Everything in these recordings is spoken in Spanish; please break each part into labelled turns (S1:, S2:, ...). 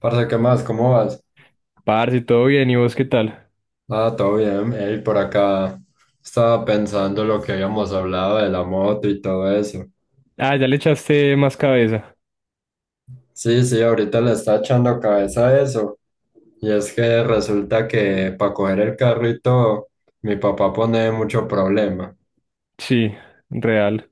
S1: Parce, ¿qué más? ¿Cómo vas?
S2: Parce, todo bien, ¿y vos qué tal?
S1: Ah, todo bien. Ey, por acá estaba pensando lo que habíamos hablado de la moto y todo eso.
S2: Ah, ya le echaste más cabeza.
S1: Sí, sí, ahorita le está echando cabeza a eso. Y es que resulta que para coger el carrito, mi papá pone mucho problema.
S2: Sí, real.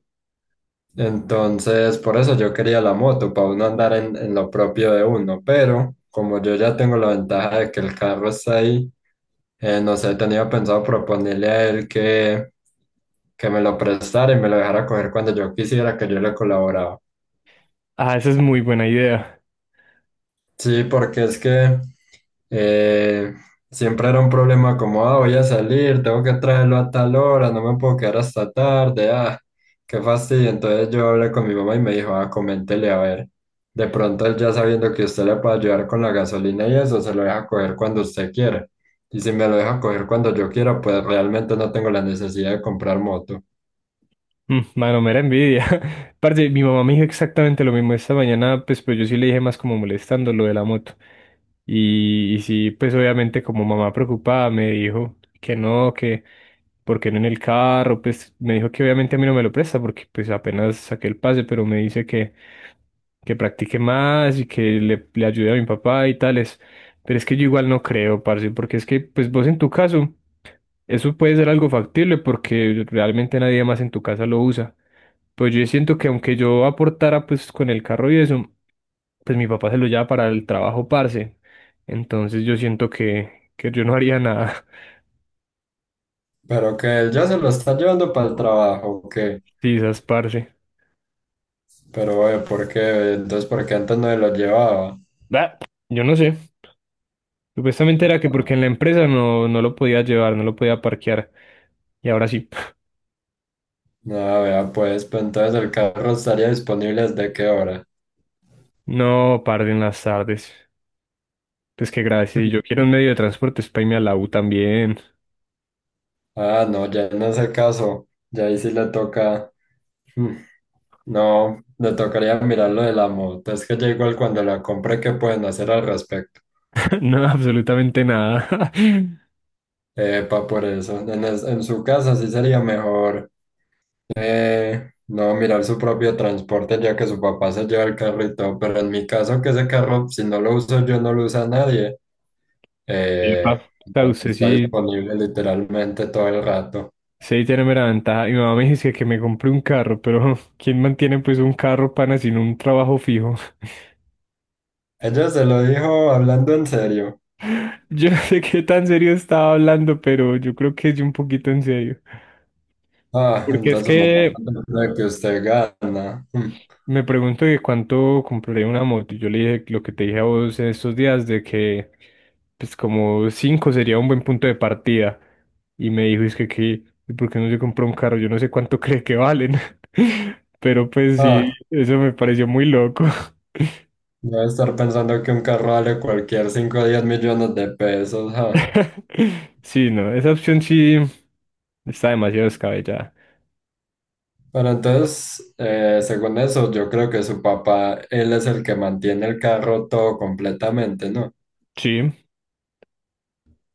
S1: Entonces, por eso yo quería la moto, para uno andar en lo propio de uno, pero como yo ya tengo la ventaja de que el carro está ahí, no sé, tenía pensado proponerle a él que me lo prestara y me lo dejara coger cuando yo quisiera que yo le colaboraba.
S2: Ah, esa es muy buena idea.
S1: Sí, porque es que eh, siempre era un problema como, ah, voy a salir, tengo que traerlo a tal hora, no me puedo quedar hasta tarde, ah, qué fastidio. Entonces yo hablé con mi mamá y me dijo, ah, coméntele a ver. De pronto él ya sabiendo que usted le puede ayudar con la gasolina y eso, se lo deja coger cuando usted quiera. Y si me lo deja coger cuando yo quiera, pues realmente no tengo la necesidad de comprar moto.
S2: Mm, mano, mera envidia. Parce, mi mamá me dijo exactamente lo mismo esta mañana, pues, pero yo sí le dije más como molestando lo de la moto. Y sí, pues obviamente como mamá preocupada me dijo que no, que porque no en el carro, pues me dijo que obviamente a mí no me lo presta porque pues apenas saqué el pase, pero me dice que practique más y que le ayude a mi papá y tales. Pero es que yo igual no creo, parce, porque es que, pues vos en tu caso, eso puede ser algo factible porque realmente nadie más en tu casa lo usa. Pues yo siento que aunque yo aportara pues con el carro y eso, pues mi papá se lo lleva para el trabajo, parce. Entonces yo siento que yo no haría nada.
S1: Pero que él ya se lo está llevando para el trabajo, ¿o qué?
S2: Sí, esas parce.
S1: Pero, ¿por qué? Entonces, ¿por qué antes no se lo llevaba?
S2: Bah, yo no sé. Supuestamente era que porque en la empresa no lo podía llevar, no lo podía parquear. Y ahora sí.
S1: Ah, vea, pues, pues entonces el carro estaría disponible desde qué hora.
S2: No, parce, en las tardes. Pues que gracias. Yo quiero un medio de transporte, es para irme a la U también.
S1: Ah, no, ya en ese caso, ya ahí sí le toca. mm, No, le tocaría mirar lo de la moto. Es que ya igual cuando la compre, ¿qué pueden hacer al respecto?
S2: No, absolutamente nada.
S1: Epa, por eso. En su casa sí sería mejor no mirar su propio transporte ya que su papá se lleva el carro y todo. Pero en mi caso, que ese carro, si no lo uso yo, no lo usa nadie. Eh,
S2: Epa, sea, usted
S1: está
S2: sí,
S1: disponible literalmente todo el rato.
S2: sí tiene mera ventaja. Mi mamá me dice que me compré un carro, pero ¿quién mantiene pues un carro, pana, sin un trabajo fijo?
S1: Ella se lo dijo hablando en serio.
S2: Yo no sé qué tan serio estaba hablando, pero yo creo que es un poquito en serio.
S1: Ah,
S2: Porque es
S1: entonces su mamá
S2: que
S1: no cree que usted gana. Mm.
S2: me pregunto que cuánto compraré una moto. Yo le dije lo que te dije a vos en estos días de que, pues como 5 sería un buen punto de partida. Y me dijo, es que, que, ¿por qué no se compró un carro? Yo no sé cuánto cree que valen. Pero pues sí,
S1: Ah,
S2: eso me pareció muy loco.
S1: debe estar pensando que un carro vale cualquier 5 o 10 millones de pesos. Ah.
S2: Sí, no, esa opción sí está demasiado descabellada.
S1: Pero entonces, según eso, yo creo que su papá, él es el que mantiene el carro todo completamente, ¿no?
S2: Sí,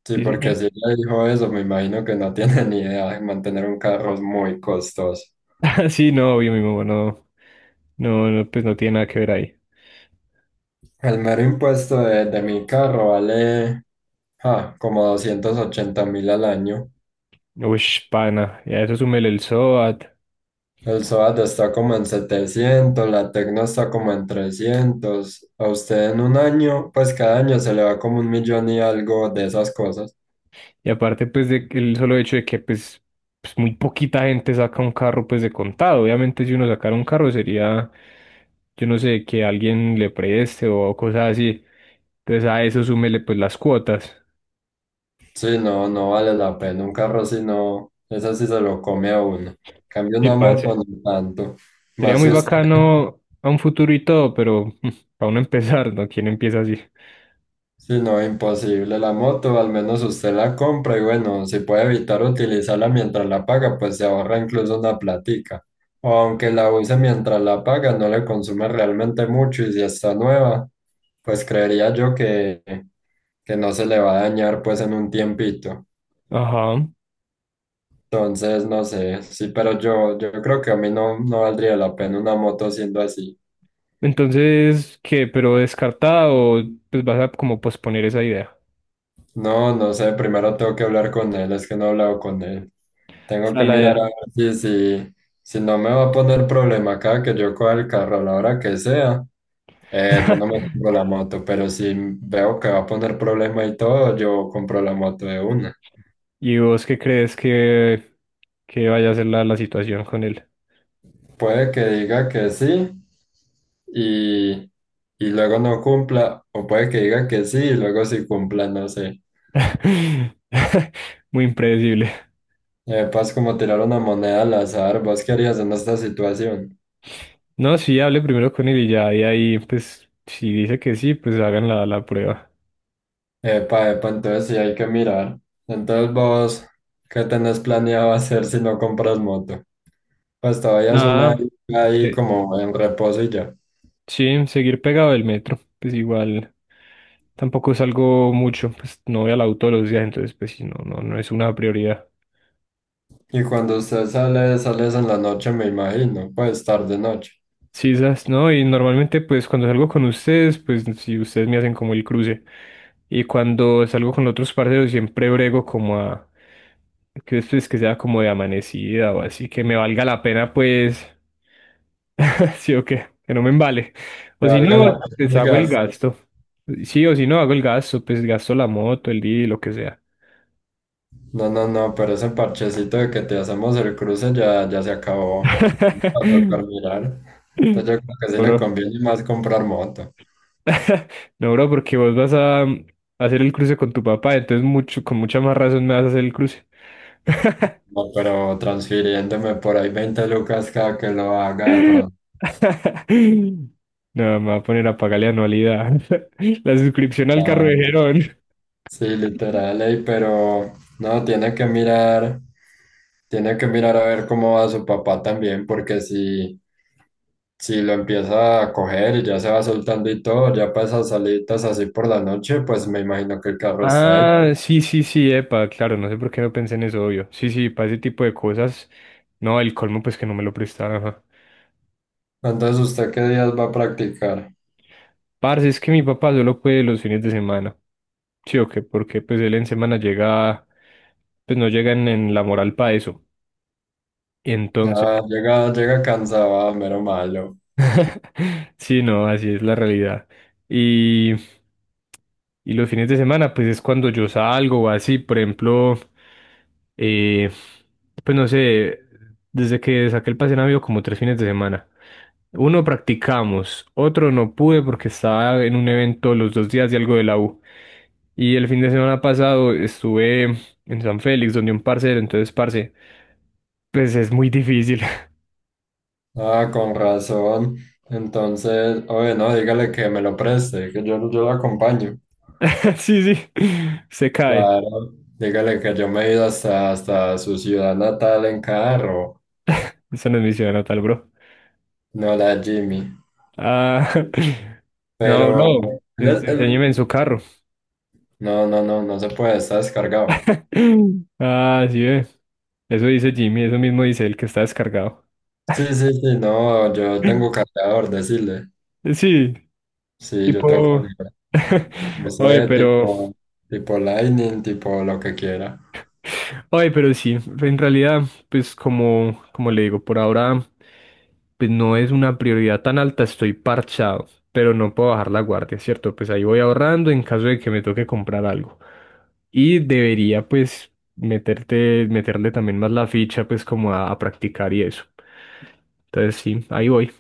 S1: Sí,
S2: sí,
S1: porque
S2: señor.
S1: si ella dijo eso, me imagino que no tiene ni idea de mantener un carro es muy costoso.
S2: Sí, no, obvio, mi mamá no, no, no, pues no tiene nada que ver ahí.
S1: El mero impuesto de mi carro vale ah, como 280.000 al año.
S2: Uy, pana, y a eso súmele el SOAT.
S1: El SOAT está como en 700, la Tecno está como en 300. A usted en un año, pues cada año se le va como 1 millón y algo de esas cosas.
S2: Y aparte, pues, de, el solo hecho de que, pues, pues, muy poquita gente saca un carro, pues, de contado. Obviamente, si uno sacara un carro sería, yo no sé, que alguien le preste o cosas así. Entonces, a eso súmele, pues, las cuotas.
S1: Sí, no, no vale la pena. Un carro si no, eso sí se lo come a uno. En cambio
S2: Sí,
S1: una moto,
S2: parce.
S1: no tanto.
S2: Sería
S1: Más
S2: muy
S1: si usted.
S2: bacano a un futuro y todo, pero para uno empezar, ¿no? ¿Quién empieza así?
S1: Sí, no, imposible. La moto, al menos usted la compra y bueno, si puede evitar utilizarla mientras la paga, pues se ahorra incluso una platica. O aunque la use mientras la paga, no le consume realmente mucho y si está nueva, pues creería yo que no se le va a dañar pues en un tiempito.
S2: Ajá.
S1: Entonces, no sé, sí, pero yo creo que a mí no, no valdría la pena una moto siendo así.
S2: Entonces, ¿qué? ¿Pero descartada o pues vas a como posponer esa idea?
S1: No, no sé, primero tengo que hablar con él, es que no he hablado con él.
S2: O
S1: Tengo
S2: sea,
S1: que
S2: la
S1: mirar a
S2: idea.
S1: ver si, si, si no me va a poner problema acá, que yo coja el carro a la hora que sea. Yo no me compro la moto, pero si veo que va a poner problema y todo, yo compro la moto de una.
S2: ¿Y vos qué crees que vaya a ser la situación con él?
S1: Puede que diga que sí y, y luego no cumpla, o puede que diga que sí y luego sí cumpla, no sé.
S2: Muy impredecible.
S1: Paz, como tirar una moneda al azar, ¿vos qué harías en esta situación?
S2: No, sí, hable primero con él y ya, y ahí, pues, si dice que sí, pues hagan la prueba.
S1: Epa, epa, entonces sí hay que mirar. Entonces vos, ¿qué tenés planeado hacer si no compras moto? Pues todavía son ahí,
S2: Nada,
S1: ahí
S2: eh,
S1: como en reposo y ya.
S2: sí, seguir pegado del metro, pues igual, tampoco salgo mucho, pues no voy al auto todos los días, entonces, pues sí, no, no, no es una prioridad.
S1: Y cuando usted sale, sales en la noche, me imagino, pues tarde noche.
S2: Sí, esas, ¿no? Y normalmente, pues, cuando salgo con ustedes, pues, si ustedes me hacen como el cruce. Y cuando salgo con otros parceros, siempre brego como a. Que después que sea como de amanecida o así, que me valga la pena, pues. Sí o qué, que no me embale.
S1: Que
S2: O si
S1: valga
S2: no,
S1: la pena
S2: pues
S1: el
S2: hago el
S1: gasto.
S2: gasto. Sí, o si no, hago el gasto, pues gasto la moto, el día, lo que sea.
S1: No, no, no, pero ese parchecito de que te hacemos el cruce ya, ya se acabó. Va a tocar mirar. Entonces yo creo que sí le
S2: Bro.
S1: conviene más comprar moto.
S2: No, bro, porque vos vas a hacer el cruce con tu papá, entonces mucho, con mucha más razón me vas a hacer el cruce.
S1: No, pero transfiriéndome por ahí 20 lucas cada que lo haga de pronto.
S2: No, me va a poner a pagarle anualidad. La suscripción al carro
S1: Ah,
S2: de Gerón.
S1: sí, literal, ey, pero no, tiene que mirar, a ver cómo va su papá también, porque si, si lo empieza a coger y ya se va soltando y todo, ya para esas salidas así por la noche, pues me imagino que el carro está ahí.
S2: Ah, sí, sí, sí, epa, claro, no sé por qué no pensé en eso, obvio. Sí, sí, para ese tipo de cosas. No, el colmo, pues que no me lo prestaron, ajá.
S1: Entonces, ¿usted qué días va a practicar?
S2: Parce, es que mi papá solo puede los fines de semana. Sí, o qué, porque pues él en semana llega, pues no llega en la moral para eso. Entonces,
S1: Ah, llega, llega cansado, ah, mero malo.
S2: sí, no, así es la realidad. Y, y los fines de semana, pues es cuando yo salgo o así, por ejemplo, eh, pues no sé, desde que saqué el pase han habido como 3 fines de semana. Uno practicamos, otro no pude porque estaba en un evento los 2 días de algo de la U. Y el fin de semana pasado estuve en San Félix, donde un parcero, entonces, parce, pues es muy difícil.
S1: Ah, con razón. Entonces, oye, no, dígale que me lo preste, que yo lo acompaño.
S2: Sí, sí, se cae.
S1: Claro, dígale que yo me he ido hasta, hasta su ciudad natal en carro,
S2: Esa no es mi ciudad natal, bro.
S1: no la Jimmy.
S2: Ah, no,
S1: Pero
S2: bro,
S1: él-
S2: enséñeme
S1: él-
S2: en su carro.
S1: no, no, no, no se puede, está descargado.
S2: Ah, sí, ve. Eso dice Jimmy, eso mismo dice el que está descargado.
S1: Sí, sí, sí, no, yo tengo cargador, decirle.
S2: Sí,
S1: Sí, yo tengo
S2: tipo.
S1: cargador. No
S2: Oye,
S1: sé,
S2: pero
S1: tipo Lightning, tipo lo que quiera.
S2: Ay, pero sí, en realidad, pues como le digo, por ahora, pues no es una prioridad tan alta, estoy parchado, pero no puedo bajar la guardia, ¿cierto? Pues ahí voy ahorrando en caso de que me toque comprar algo. Y debería, pues, meterle también más la ficha, pues, como a practicar y eso. Entonces, sí, ahí voy.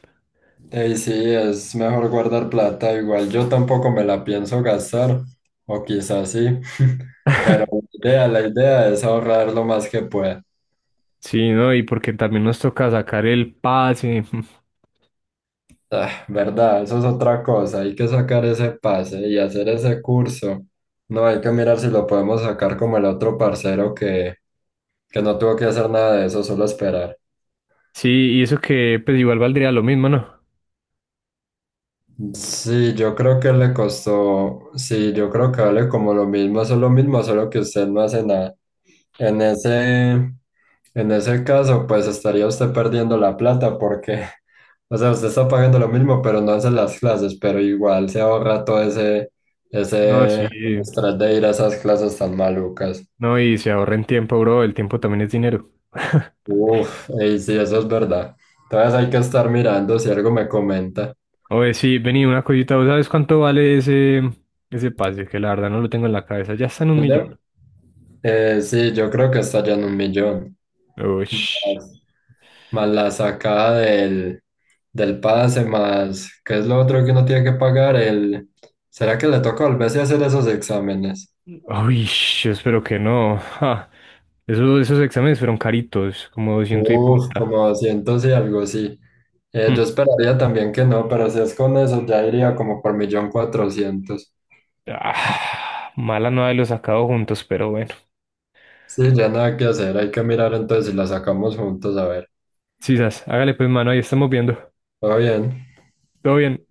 S1: Ey, sí, es mejor guardar plata, igual yo tampoco me la pienso gastar, o quizás sí, pero la idea es ahorrar lo más que pueda.
S2: Sí, ¿no? Y porque también nos toca sacar el pase.
S1: Ah, ¿verdad? Eso es otra cosa, hay que sacar ese pase y hacer ese curso. No hay que mirar si lo podemos sacar como el otro parcero que no tuvo que hacer nada de eso, solo esperar.
S2: Sí, y eso que, pues, igual valdría lo mismo, ¿no?
S1: Sí, yo creo que le costó, sí, yo creo que vale como lo mismo, eso es lo mismo, solo que usted no hace nada. En ese, en ese caso, pues estaría usted perdiendo la plata porque, o sea, usted está pagando lo mismo, pero no hace las clases, pero igual se ahorra todo
S2: No, sí.
S1: ese estrés de ir a esas clases tan malucas.
S2: No, y se ahorren tiempo, bro. El tiempo también es dinero.
S1: Uf, y sí, eso es verdad. Entonces hay que estar mirando si algo me comenta.
S2: Oye, sí, vení, una cosita. ¿Vos sabes cuánto vale ese pase? Que la verdad no lo tengo en la cabeza. Ya está en un millón.
S1: ¿Verdad? Sí, yo creo que está ya en 1 millón.
S2: Uy,
S1: Más, Más la sacada del pase, más, ¿qué es lo otro que uno tiene que pagar? El, ¿será que le toca volverse a hacer esos exámenes?
S2: uy, yo espero que no. Ja. Esos exámenes fueron caritos, como 200 y pu-
S1: Uf, como 200 y algo, sí. Yo
S2: Mm.
S1: esperaría también que no, pero si es con eso, ya iría como por 1.400.000.
S2: Ah, mala no haberlos sacado juntos, pero bueno.
S1: Sí, ya nada que hacer, hay que mirar entonces si la sacamos juntos, a ver.
S2: Sisas, hágale pues, mano, ahí estamos viendo.
S1: ¿Todo bien?
S2: Todo bien.